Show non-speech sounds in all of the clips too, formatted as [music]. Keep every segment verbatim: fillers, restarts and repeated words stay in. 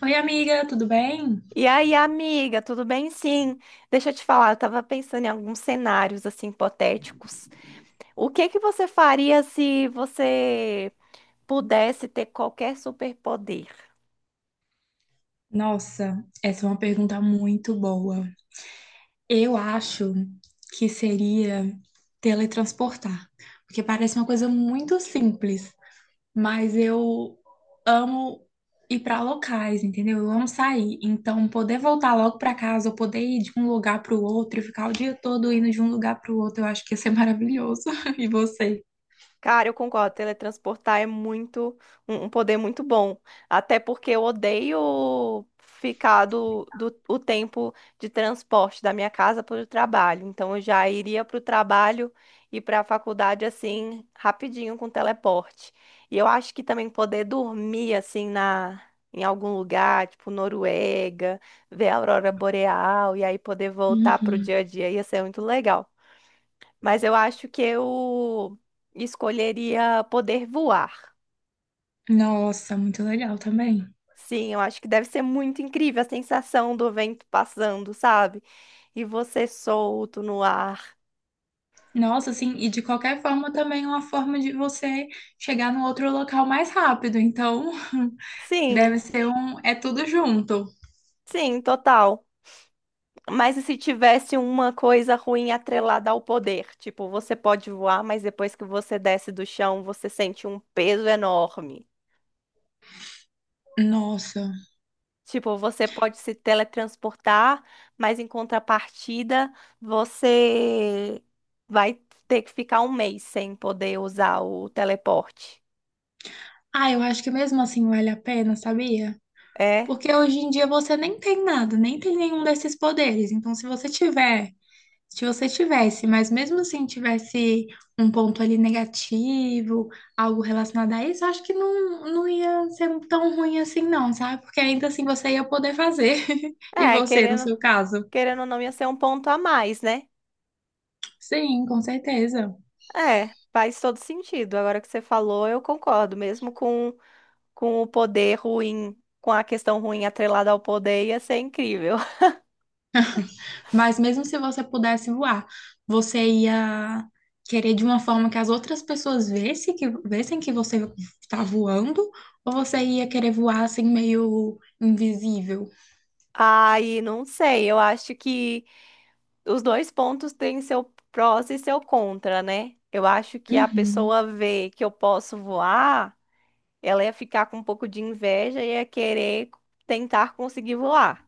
Oi, amiga, tudo bem? E aí, amiga, tudo bem? Sim. Deixa eu te falar, eu tava pensando em alguns cenários assim hipotéticos. O que que você faria se você pudesse ter qualquer superpoder? Nossa, essa é uma pergunta muito boa. Eu acho que seria teletransportar, porque parece uma coisa muito simples, mas eu amo ir para locais, entendeu? Eu amo sair, então poder voltar logo para casa, ou poder ir de um lugar para o outro e ficar o dia todo indo de um lugar para o outro, eu acho que ia ser maravilhoso. [laughs] E você? Cara, eu concordo. Teletransportar é muito um, um poder muito bom. Até porque eu odeio ficar do, do o tempo de transporte da minha casa para o trabalho. Então eu já iria para o trabalho e para a faculdade assim rapidinho com teleporte. E eu acho que também poder dormir assim na em algum lugar, tipo Noruega, ver a aurora boreal e aí poder voltar para o dia Uhum. a dia ia ser muito legal. Mas eu acho que eu escolheria poder voar. Nossa, muito legal também. Sim, eu acho que deve ser muito incrível a sensação do vento passando, sabe? E você solto no ar. Nossa, assim, e de qualquer forma também é uma forma de você chegar no outro local mais rápido. Então, [laughs] deve Sim, ser um. É tudo junto. sim, total. Mas e se tivesse uma coisa ruim atrelada ao poder? Tipo, você pode voar, mas depois que você desce do chão, você sente um peso enorme. Nossa. Tipo, você pode se teletransportar, mas em contrapartida, você vai ter que ficar um mês sem poder usar o teleporte. Ah, eu acho que mesmo assim vale a pena, sabia? É, Porque hoje em dia você nem tem nada, nem tem nenhum desses poderes. Então, se você tiver Se você tivesse, mas mesmo assim tivesse um ponto ali negativo, algo relacionado a isso, eu acho que não, não ia ser tão ruim assim, não, sabe? Porque ainda assim você ia poder fazer. [laughs] E é, você, no querendo, seu caso? querendo ou não, ia ser um ponto a mais, né? Sim, com certeza. É, faz todo sentido. Agora que você falou, eu concordo. Mesmo com, com o poder ruim, com a questão ruim atrelada ao poder, ia ser incrível. [laughs] Mas mesmo se você pudesse voar, você ia querer de uma forma que as outras pessoas vissem que, vissem que você está voando, ou você ia querer voar assim meio invisível? Aí, não sei, eu acho que. Os dois pontos têm seu prós e seu contra, né? Eu acho que a Uhum. pessoa vê que eu posso voar, ela ia ficar com um pouco de inveja e ia querer tentar conseguir voar.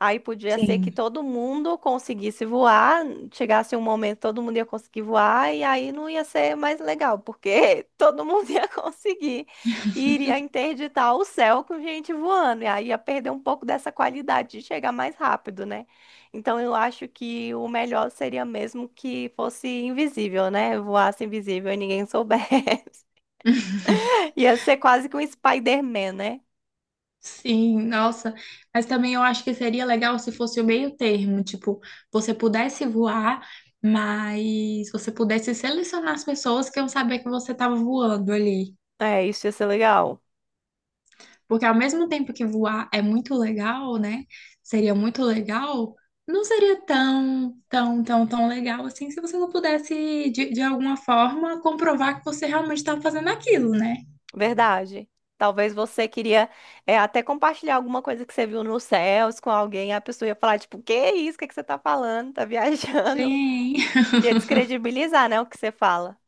Aí podia ser que Sim. todo mundo conseguisse voar, chegasse um momento todo mundo ia conseguir voar e aí não ia ser mais legal, porque [laughs] todo mundo ia conseguir e iria interditar o céu com gente voando, e aí ia perder um pouco dessa qualidade de chegar mais rápido, né? Então eu acho que o melhor seria mesmo que fosse invisível, né? Voasse invisível e ninguém [laughs] soubesse. [laughs] Ia ser quase que um Spider-Man, né? Sim, nossa, mas também eu acho que seria legal se fosse o meio termo, tipo, você pudesse voar, mas você pudesse selecionar as pessoas que iam saber que você estava voando ali. É, isso ia ser legal. Porque ao mesmo tempo que voar é muito legal, né? Seria muito legal, não seria tão, tão, tão, tão legal assim se você não pudesse, de, de alguma forma, comprovar que você realmente estava fazendo aquilo, né? Verdade. Talvez você queria é, até compartilhar alguma coisa que você viu nos céus com alguém, a pessoa ia falar, tipo, que isso? O que que você tá falando? Tá viajando? Sim, [laughs] Ia descredibilizar, né, o que você fala.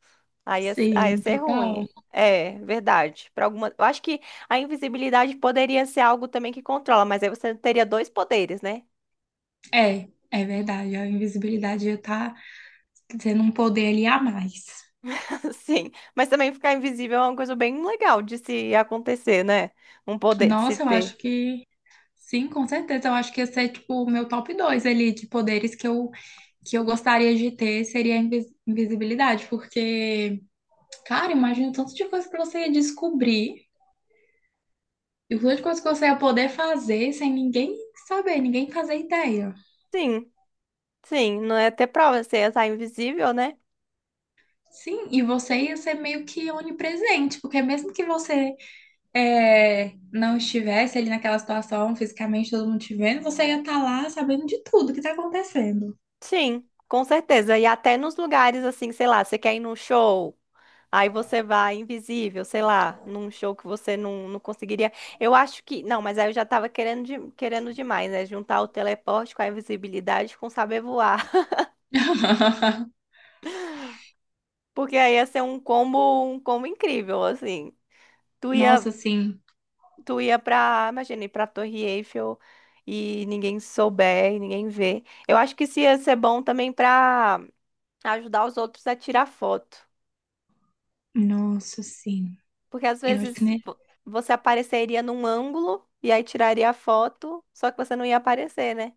[laughs] Aí ia, aí ia sim, ser total. ruim. É, verdade. Para alguma, eu acho que a invisibilidade poderia ser algo também que controla, mas aí você teria dois poderes, né? É, é verdade, a invisibilidade já tá. Você não poder aliar mais. [laughs] Sim, mas também ficar invisível é uma coisa bem legal de se acontecer, né? Um poder de se Nossa, eu acho ter. que sim, com certeza. Eu acho que ia ser tipo o meu top dois ali de poderes que eu que eu gostaria de ter seria a invis- invisibilidade, porque, cara, imagina o tanto de coisa que você ia descobrir e o tanto de coisa que você ia poder fazer sem ninguém saber, ninguém fazer ideia. Sim, sim, não é ter prova, você ia estar invisível, né? Sim, e você ia ser meio que onipresente, porque mesmo que você é, não estivesse ali naquela situação, fisicamente todo mundo te vendo, você ia estar lá sabendo de tudo que tá acontecendo. Sim, com certeza. E até nos lugares assim, sei lá, você quer ir num show, aí você vai invisível, sei lá, num show que você não, não conseguiria. Eu acho que. Não, mas aí eu já tava querendo, de- querendo demais, né? Juntar o teleporte com a invisibilidade com saber voar. [laughs] [laughs] Porque aí ia ser um combo, um combo incrível, assim. Tu ia, Nossa, sim. tu ia pra, imagina, ir pra Torre Eiffel e ninguém souber e ninguém vê. Eu acho que isso ia ser bom também pra ajudar os outros a tirar foto. Nossa, sim. Porque às Eu acho que, vezes ne- vo- você apareceria num ângulo e aí tiraria a foto, só que você não ia aparecer, né?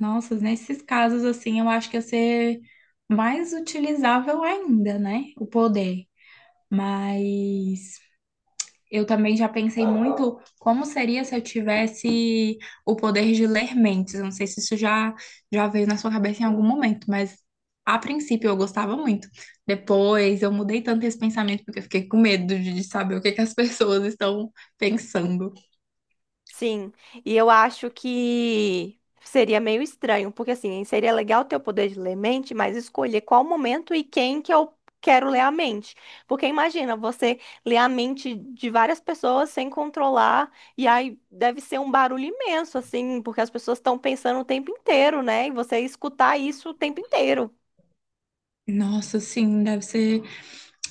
nossa, nesses casos, assim, eu acho que ia ser mais utilizável ainda, né? O poder. Mas. Eu também já pensei muito como seria se eu tivesse o poder de ler mentes. Eu não sei se isso já, já veio na sua cabeça em algum momento, mas a princípio eu gostava muito. Depois eu mudei tanto esse pensamento porque eu fiquei com medo de de saber o que que as [laughs] pessoas estão pensando. Sim, e eu acho que seria meio estranho, porque assim, seria legal ter o poder de ler mente, mas escolher qual momento e quem que eu quero ler a mente. Porque imagina você ler a mente de várias pessoas sem controlar, e aí deve ser um barulho imenso, assim, porque as pessoas estão pensando o tempo inteiro, né? E você escutar isso o tempo inteiro. Nossa, sim, deve ser.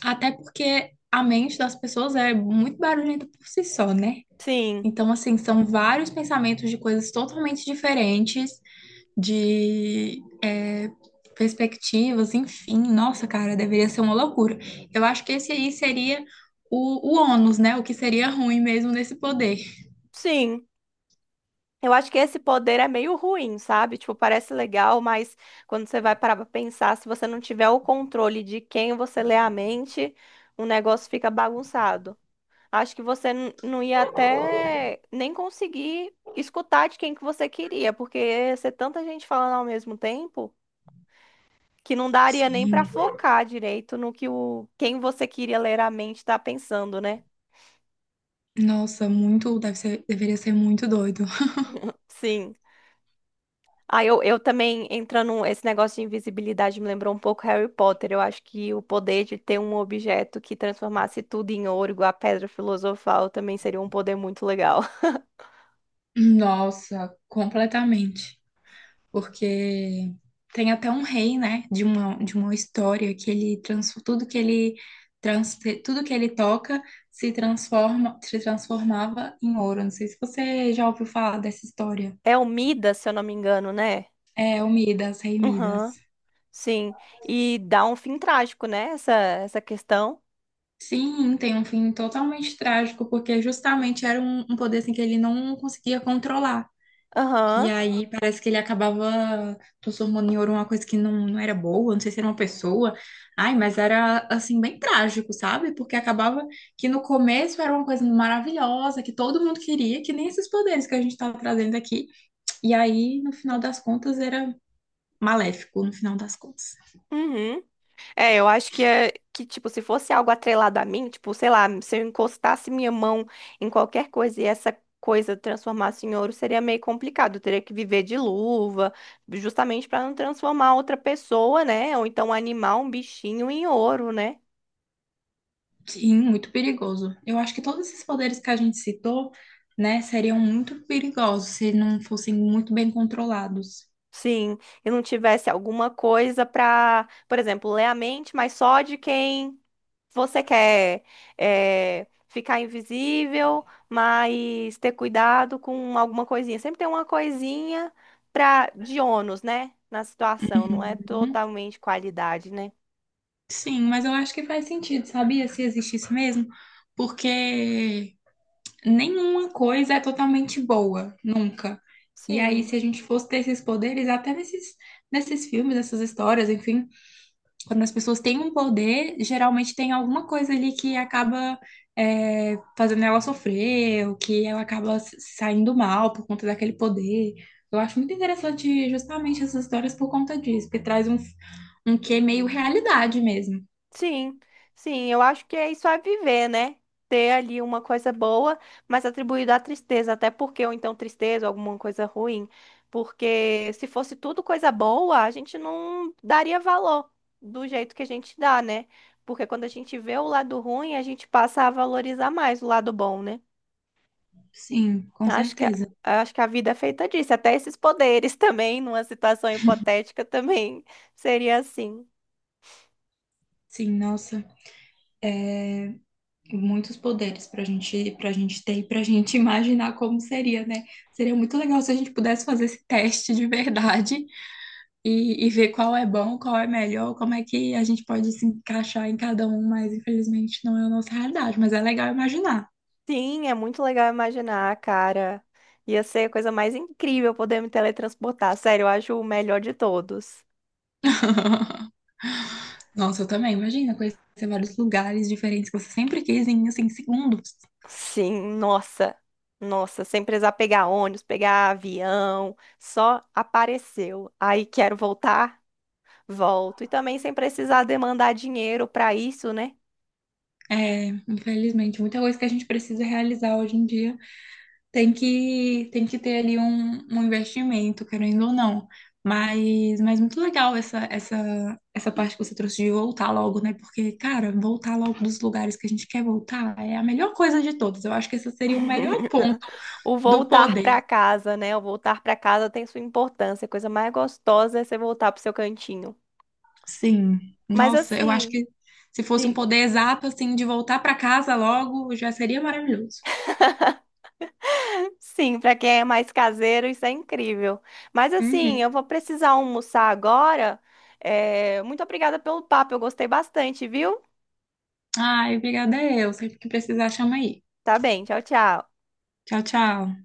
Até porque a mente das pessoas é muito barulhenta por si só, né? Sim, Então, assim, são vários pensamentos de coisas totalmente diferentes de é, perspectivas, enfim. Nossa, cara, deveria ser uma loucura. Eu acho que esse aí seria o, o ônus, né? O que seria ruim mesmo nesse poder. sim. Eu acho que esse poder é meio ruim, sabe? Tipo, parece legal, mas quando você vai parar pra pensar, se você não tiver o controle de quem você lê a mente, o negócio fica bagunçado. Acho que você n- não ia até nem conseguir escutar de quem que você queria, porque ia ser tanta gente falando ao mesmo tempo que não daria nem pra Sim. focar direito no que o quem você queria ler a mente tá pensando, né? Nossa, muito, deve ser, deveria ser muito doido. [laughs] Sim. Ah, eu, eu também, entrando, um, esse negócio de invisibilidade me lembrou um pouco Harry Potter. Eu acho que o poder de ter um objeto que transformasse tudo em ouro, igual a pedra filosofal, também seria um poder muito legal. [laughs] Nossa, completamente. Porque tem até um rei, né, de uma, de uma história que ele trans, tudo que ele trans, tudo que ele toca se transforma, se transformava em ouro. Não sei se você já ouviu falar dessa história. É o Midas, se eu não me engano, né? É, o Midas, Rei Aham, Midas. sim. E dá um fim trágico, né? Essa, essa questão. Sim, tem um fim totalmente trágico, porque justamente era um, um poder assim, que ele não conseguia controlar. E Aham, aí parece que ele acabava transformando em ouro uma coisa que não, não era boa, não sei se era uma pessoa. Ai, mas era assim, bem trágico, sabe? Porque acabava que no começo era uma coisa maravilhosa, que todo mundo queria, que nem esses poderes que a gente estava trazendo aqui. E aí, no final das contas, era maléfico, no final das contas. uhum. É, eu acho que é que, tipo, se fosse algo atrelado a mim, tipo, sei lá, se eu encostasse minha mão em qualquer coisa e essa coisa transformasse em ouro, seria meio complicado. Eu teria que viver de luva, justamente para não transformar outra pessoa, né? Ou então animar um bichinho em ouro, né? Sim, muito perigoso. Eu acho que todos esses poderes que a gente citou, né, seriam muito perigosos se não fossem muito bem controlados. Sim, e não tivesse alguma coisa pra, por exemplo, ler a mente, mas só de quem Você quer eh, ficar invisível, mas ter cuidado com alguma coisinha. Sempre tem uma coisinha pra, de ônus, né? Na situação, não é Uhum. totalmente qualidade, né? Sim, mas eu acho que faz sentido, sabia? Se existisse mesmo, porque nenhuma coisa é totalmente boa, nunca. E aí, Sim. se a gente fosse ter esses poderes, até nesses, nesses filmes, nessas histórias, enfim, quando as pessoas têm um poder, geralmente tem alguma coisa ali que acaba é, fazendo ela sofrer, ou que ela acaba s- saindo mal por conta daquele poder. Eu acho muito interessante justamente essas histórias por conta disso, porque traz um, um quê meio realidade mesmo. Sim, sim, eu acho que é isso é viver, né? Ter ali uma coisa boa, mas atribuído à tristeza, até porque, ou então tristeza, alguma coisa ruim, porque se fosse tudo coisa boa, a gente não daria valor do jeito que a gente dá, né? Porque quando a gente vê o lado ruim, a gente passa a valorizar mais o lado bom, né? Sim, com Acho que a, certeza. acho que a vida é feita disso, até esses poderes [laughs] também, numa situação hipotética também seria assim. Sim, nossa, muitos poderes para gente, para gente ter e para gente [laughs] imaginar como seria, né? Seria muito legal se a gente pudesse fazer esse teste de verdade e, e ver qual é bom, qual é melhor, como é que a gente pode se encaixar em cada um, mas infelizmente não é a nossa realidade, mas é legal imaginar. Sim, é muito legal imaginar, cara. Ia ser a coisa mais incrível poder me teletransportar. Sério, eu acho o melhor de todos. [laughs] Nossa, eu também, imagina conhecer vários lugares diferentes que você sempre quis em, assim, segundos. Sim, nossa. Nossa, sem precisar pegar ônibus, pegar avião, só apareceu. Aí quero voltar, volto. E também sem precisar demandar dinheiro pra isso, né? É, infelizmente, muita coisa que a gente precisa realizar hoje em dia Tem que, tem que ter ali um, um investimento, querendo ou não. Mas, mas muito legal essa, essa, essa parte que você trouxe de voltar logo, né? Porque, cara, voltar logo dos lugares que a gente quer voltar é a melhor coisa de todas. Eu acho que esse seria o melhor ponto [laughs] O do voltar poder. pra casa, né? O voltar pra casa tem sua importância. A coisa mais gostosa é você voltar pro seu cantinho. Sim. Mas Nossa, eu acho assim, que se fosse um diga. poder exato, assim, de voltar para casa logo, já seria maravilhoso. Sim, para quem é mais caseiro, isso é incrível. Mas assim, Uhum. eu vou precisar almoçar agora. É, muito obrigada pelo papo, eu gostei bastante, viu? Ai, obrigada eu. Sempre que precisar, chama aí. Tá bem, tchau, tchau. Tchau, tchau.